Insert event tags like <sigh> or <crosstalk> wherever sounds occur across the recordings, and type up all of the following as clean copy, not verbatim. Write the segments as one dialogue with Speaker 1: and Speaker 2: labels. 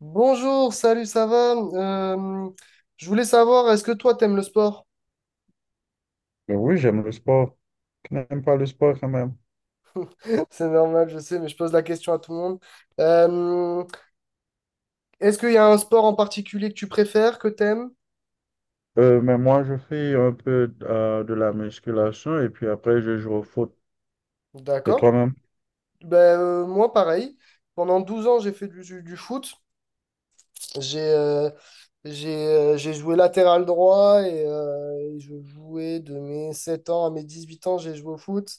Speaker 1: Bonjour, salut, ça va? Je voulais savoir, est-ce que toi, t'aimes le sport?
Speaker 2: Oui, j'aime le sport. Qui n'aime pas le sport quand même.
Speaker 1: <laughs> C'est normal, je sais, mais je pose la question à tout le monde. Euh, Est-ce qu'il y a un sport en particulier que tu préfères, que t'aimes?
Speaker 2: Mais moi, je fais un peu de la musculation et puis après, je joue au foot. Et
Speaker 1: D'accord.
Speaker 2: toi-même?
Speaker 1: Moi, pareil. Pendant 12 ans, j'ai fait du foot. J'ai euh, j'ai joué latéral droit et je jouais de mes 7 ans à mes 18 ans, j'ai joué au foot.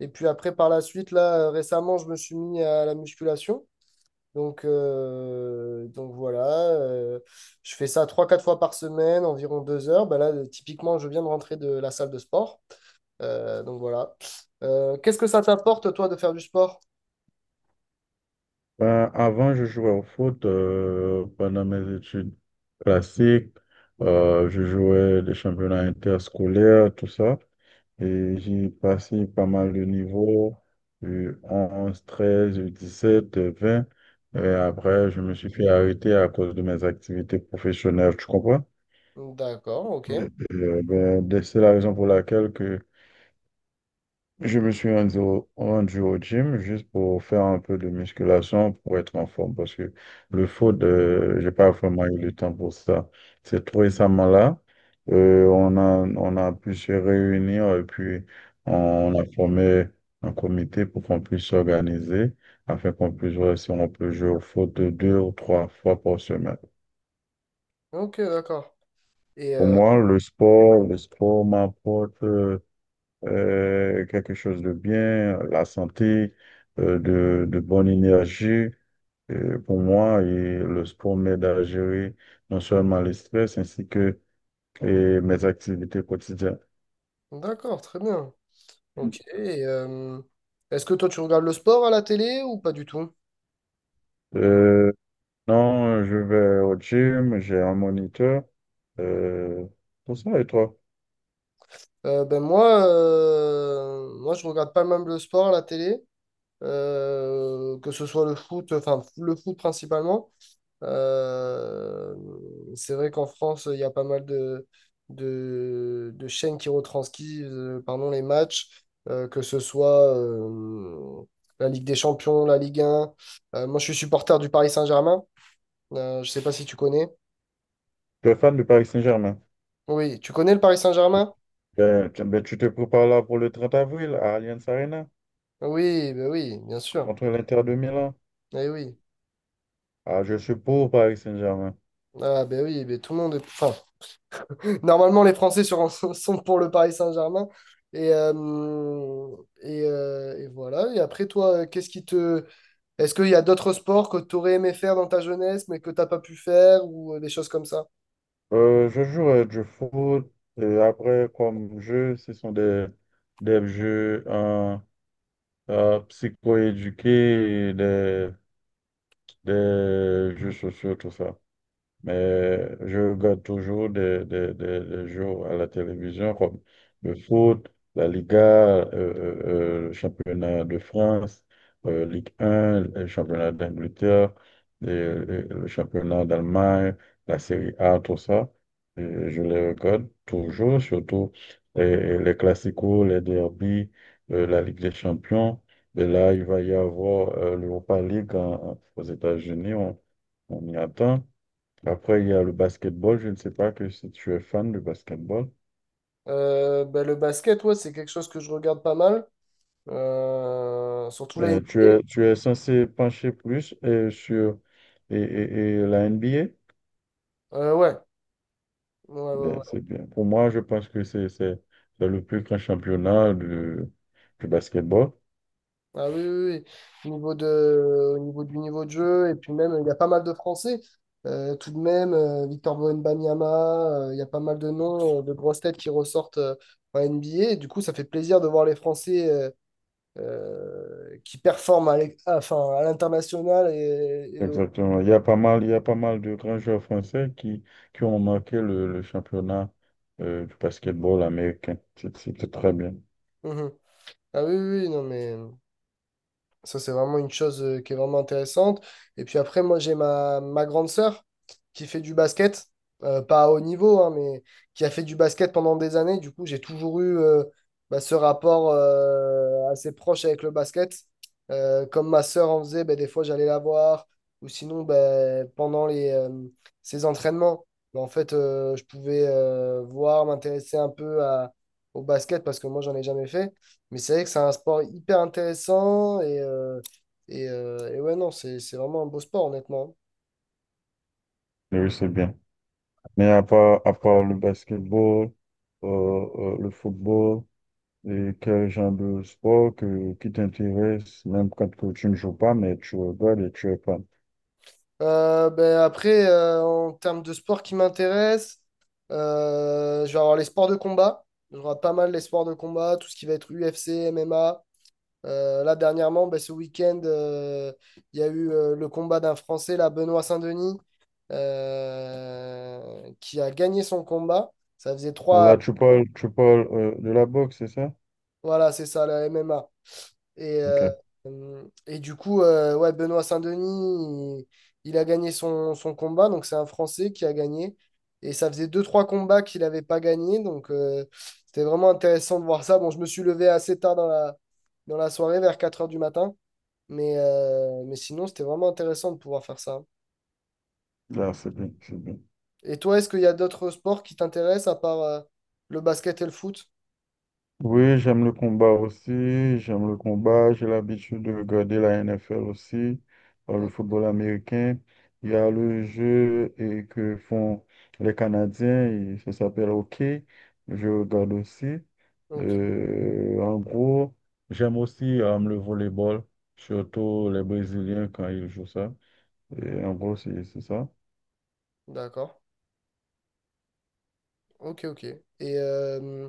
Speaker 1: Et puis après, par la suite, là, récemment, je me suis mis à la musculation. Donc voilà, euh, je fais ça trois quatre fois par semaine, environ 2 heures. Bah là, typiquement, je viens de rentrer de la salle de sport. Donc voilà. Qu'est-ce que ça t'apporte, toi, de faire du sport?
Speaker 2: Ben, avant, je jouais au foot pendant mes études classiques. Je jouais des championnats interscolaires, tout ça. Et j'ai passé pas mal de niveaux, U11 treize U7 U20. Et après, je me suis fait arrêter à cause de mes activités professionnelles, tu comprends?
Speaker 1: D'accord, ok.
Speaker 2: Ben, c'est la raison pour laquelle que je me suis rendu au gym juste pour faire un peu de musculation pour être en forme parce que le foot, j'ai pas vraiment eu le temps pour ça. C'est tout récemment là. Euh, on a, on a pu se réunir et puis on a formé un comité pour qu'on puisse s'organiser afin qu'on puisse voir si on peut jouer au foot deux ou trois fois par semaine.
Speaker 1: Ok, d'accord. Et
Speaker 2: Pour moi, le sport m'apporte quelque chose de bien, la santé, de bonne énergie pour moi. Et le sport m'aide à gérer non seulement les stress ainsi que et mes activités quotidiennes.
Speaker 1: d'accord, très bien. Ok. Et, est-ce que toi, tu regardes le sport à la télé ou pas du tout?
Speaker 2: Euh, non, je vais au gym, j'ai un moniteur. Euh, pour ça, et toi?
Speaker 1: Moi, je regarde pas même le sport à la télé, que ce soit le foot, enfin le foot principalement. Euh, c'est vrai qu'en France, il y a pas mal de, de chaînes qui retranscrivent, pardon, les matchs, que ce soit la Ligue des Champions, la Ligue 1. Moi, je suis supporter du Paris Saint-Germain. Je sais pas si tu connais.
Speaker 2: Tu es fan du Paris Saint-Germain?
Speaker 1: Oui, tu connais le Paris Saint-Germain?
Speaker 2: Ben, tu te prépares là pour le 30 avril à Allianz Arena
Speaker 1: Oui, ben oui, bien sûr.
Speaker 2: contre l'Inter de Milan.
Speaker 1: Eh oui.
Speaker 2: Ah, je suis pour Paris Saint-Germain.
Speaker 1: Ah ben oui, ben tout le monde est... Enfin, <laughs> normalement les <laughs> sont pour le Paris Saint-Germain. Et, et voilà. Et après toi, qu'est-ce qui te... Est-ce qu'il y a d'autres sports que tu aurais aimé faire dans ta jeunesse mais que t'as pas pu faire ou des choses comme ça?
Speaker 2: Je joue du foot et après, comme jeu, ce sont des jeux psychoéduqués, et des jeux sociaux, tout ça. Mais je regarde toujours des jeux à la télévision comme le foot, la Liga, le championnat de France, Ligue 1, le championnat d'Angleterre, le championnat d'Allemagne, la Série A, tout ça. Et je les regarde toujours, surtout les classicos, les derbies, la Ligue des Champions. Et là, il va y avoir l'Europa League aux États-Unis. On y attend. Après, il y a le basketball. Je ne sais pas que si tu es fan de basketball.
Speaker 1: Ben, le basket, ouais, c'est quelque chose que je regarde pas mal. Surtout la NBA.
Speaker 2: Tu es censé pencher plus sur et, et- et la N B A
Speaker 1: Ouais. Ouais, ouais,
Speaker 2: bien
Speaker 1: ouais.
Speaker 2: c'est bien. Pour moi, je pense que c'est le plus grand championnat du basketball.
Speaker 1: Ah oui, oui, oui. Au niveau du niveau de jeu, et puis même, il y a pas mal de Français. Tout de même, Victor Wembanyama, il y a pas mal de noms, de grosses têtes qui ressortent en NBA. Et du coup, ça fait plaisir de voir les Français qui performent enfin, à l'international.
Speaker 2: Exactement. Il y a pas mal de grands joueurs français qui ont marqué le championnat du basketball américain. C'est très bien.
Speaker 1: Mhm. Ah oui, oui, oui, non, mais. Ça, c'est vraiment une chose qui est vraiment intéressante. Et puis après, moi, j'ai ma grande sœur qui fait du basket, pas à haut niveau, hein, mais qui a fait du basket pendant des années. Du coup, j'ai toujours eu bah, ce rapport assez proche avec le basket. Comme ma sœur en faisait, bah, des fois, j'allais la voir. Ou sinon, bah, pendant ses entraînements, bah, en fait, je pouvais voir, m'intéresser un peu au basket parce que moi, j'en ai jamais fait. Mais c'est vrai que c'est un sport hyper intéressant et, et ouais, non, c'est vraiment un beau sport, honnêtement.
Speaker 2: Oui, c'est bien. Mais à part le basketball, le football, et quel genre de sport qui t'intéresse, même quand que tu ne joues pas, mais tu regardes et tu es fan.
Speaker 1: Ben après, en termes de sport qui m'intéresse, je vais avoir les sports de combat. Je regarde pas mal les sports de combat, tout ce qui va être UFC, MMA. Là, dernièrement, ben, ce week-end, il y a eu le combat d'un Français, là, Benoît Saint-Denis, qui a gagné son combat. Ça faisait
Speaker 2: Alors
Speaker 1: trois.
Speaker 2: là, tu parles de la boxe, c'est ça?
Speaker 1: Voilà, c'est ça, la MMA. Et, euh,
Speaker 2: Ok,
Speaker 1: et du coup, ouais, Benoît Saint-Denis, il a gagné son combat. Donc, c'est un Français qui a gagné. Et ça faisait deux trois combats qu'il n'avait pas gagné. Donc, c'était vraiment intéressant de voir ça. Bon, je me suis levé assez tard dans dans la soirée, vers 4 heures du matin. Mais sinon, c'était vraiment intéressant de pouvoir faire ça.
Speaker 2: là, c'est bien, c'est bien.
Speaker 1: Et toi, est-ce qu'il y a d'autres sports qui t'intéressent à part le basket et le foot?
Speaker 2: Oui, j'aime le combat aussi, j'aime le combat, j'ai l'habitude de regarder la NFL aussi, le
Speaker 1: Oh,
Speaker 2: football américain. Il y a le jeu et que font les Canadiens, et ça s'appelle hockey, je regarde aussi.
Speaker 1: ok,
Speaker 2: En gros, j'aime aussi le volleyball, surtout les Brésiliens quand ils jouent ça. Et en gros, c'est ça.
Speaker 1: d'accord. Ok, ok. Euh,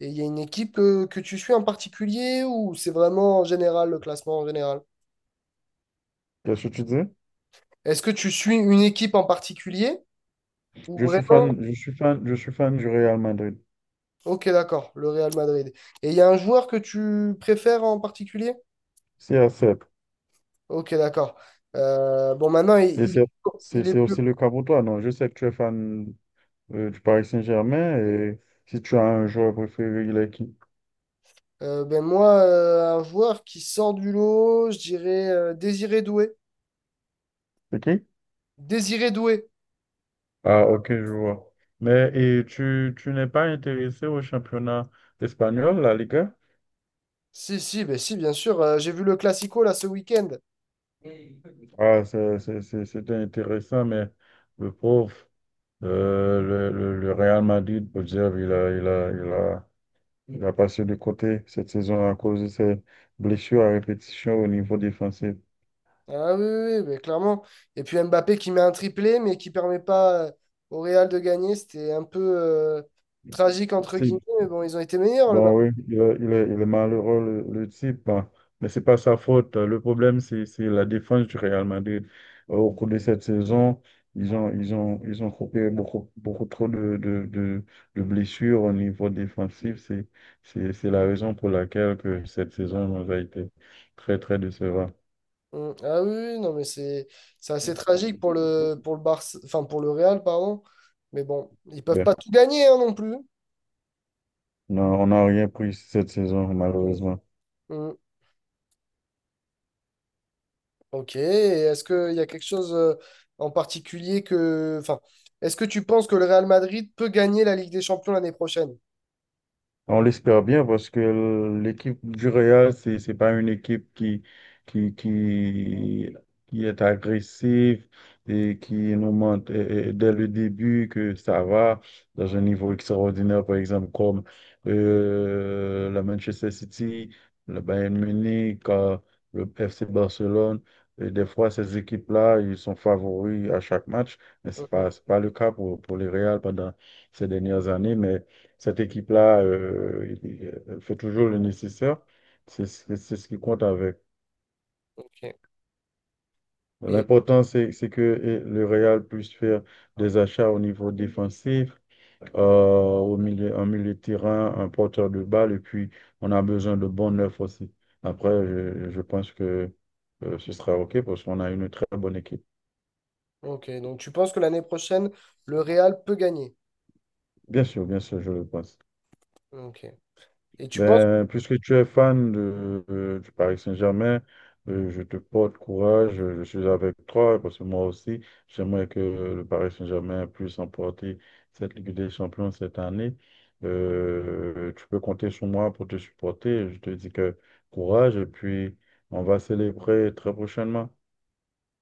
Speaker 1: et il y a une équipe que tu suis en particulier ou c'est vraiment en général le classement en général?
Speaker 2: Qu'est-ce que tu dis?
Speaker 1: Est-ce que tu suis une équipe en particulier ou
Speaker 2: Je suis
Speaker 1: vraiment?
Speaker 2: fan, je suis fan, je suis fan du Real Madrid.
Speaker 1: Ok, d'accord, le Real Madrid. Et il y a un joueur que tu préfères en particulier?
Speaker 2: C'est 7.
Speaker 1: Ok, d'accord. Bon, maintenant,
Speaker 2: Et
Speaker 1: il est
Speaker 2: c'est
Speaker 1: plus.
Speaker 2: aussi le cas pour toi, non? Je sais que tu es fan du Paris Saint-Germain et si tu as un joueur préféré, il est qui?
Speaker 1: Un joueur qui sort du lot, je dirais Désiré Doué.
Speaker 2: C'est qui?
Speaker 1: Désiré Doué.
Speaker 2: Ah, ok, je vois. Mais et tu n'es pas intéressé au championnat espagnol, la Liga?
Speaker 1: Si, si, ben si, bien sûr. Euh, j'ai vu le Classico là ce week-end.
Speaker 2: Ah, c'était intéressant, mais le pauvre, le Real Madrid, pour dire, il a passé de côté cette saison à cause de ses blessures à répétition au niveau défensif.
Speaker 1: Ah oui, oui, oui, mais clairement. Et puis Mbappé qui met un triplé, mais qui permet pas au Real de gagner. C'était un peu tragique, entre guillemets, mais bon, ils ont été meilleurs, le Bar.
Speaker 2: Bon, oui, il est malheureux, le type, hein. Mais c'est pas sa faute, hein. Le problème, c'est la défense du Real Madrid. Au cours de cette saison, ils ont coupé beaucoup, beaucoup trop de blessures au niveau défensif. C'est la raison pour laquelle que cette saison nous a été très, très décevante.
Speaker 1: Mm. Ah oui, oui, non, mais c'est assez tragique pour le Barça, enfin, pour le Real, pardon. Mais bon, ils peuvent
Speaker 2: Ben,
Speaker 1: pas tout gagner, hein, non plus.
Speaker 2: on n'a rien pris cette saison, malheureusement.
Speaker 1: Mm. Ok, et est-ce qu'il y a quelque chose en particulier que... Enfin, est-ce que tu penses que le Real Madrid peut gagner la Ligue des Champions l'année prochaine?
Speaker 2: On l'espère bien parce que l'équipe du Real, c'est pas une équipe qui, qui, qui est agressive et qui nous montre dès le début que ça va dans un niveau extraordinaire, par exemple, comme la Manchester City, le Bayern Munich, le FC Barcelone. Et des fois, ces équipes-là, ils sont favoris à chaque match, mais
Speaker 1: Mm, mm.
Speaker 2: c'est pas le cas pour les Real pendant ces dernières années, mais cette équipe-là, elle fait toujours le nécessaire. C'est ce qui compte avec.
Speaker 1: Ok. Et.
Speaker 2: L'important, c'est que le Real puisse faire des achats au niveau défensif, euh, en milieu de terrain, un porteur de balle, et puis on a besoin de bons neufs aussi. Après, je pense que ce sera OK parce qu'on a une très bonne équipe.
Speaker 1: Ok, donc tu penses que l'année prochaine, le Real peut gagner.
Speaker 2: Bien sûr, je le pense.
Speaker 1: Ok. Et tu penses...
Speaker 2: Ben, puisque tu es fan du Paris Saint-Germain, je te porte courage, je suis avec toi, parce que moi aussi, j'aimerais que le Paris Saint-Germain puisse emporter cette Ligue des Champions cette année. Tu peux compter sur moi pour te supporter. Je te dis que courage, et puis on va célébrer très prochainement.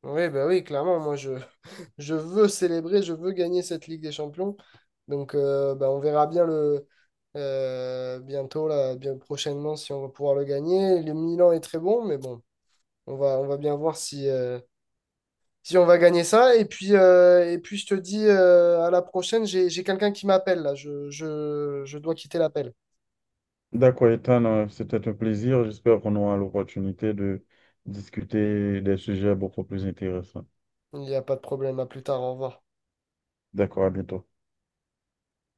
Speaker 1: Oui, bah oui, clairement, moi je, <laughs> je veux célébrer, je veux gagner cette Ligue des Champions. Donc bah, on verra bien le bientôt, là, bien prochainement, si on va pouvoir le gagner. Le Milan est très bon, mais bon, on va bien voir si, si on va gagner ça. Et puis je te dis à la prochaine, j'ai quelqu'un qui m'appelle là. Je dois quitter l'appel.
Speaker 2: D'accord, Ethan, c'était un plaisir. J'espère qu'on aura l'opportunité de discuter des sujets beaucoup plus intéressants.
Speaker 1: Il n'y a pas de problème, à plus tard, au revoir.
Speaker 2: D'accord, à bientôt.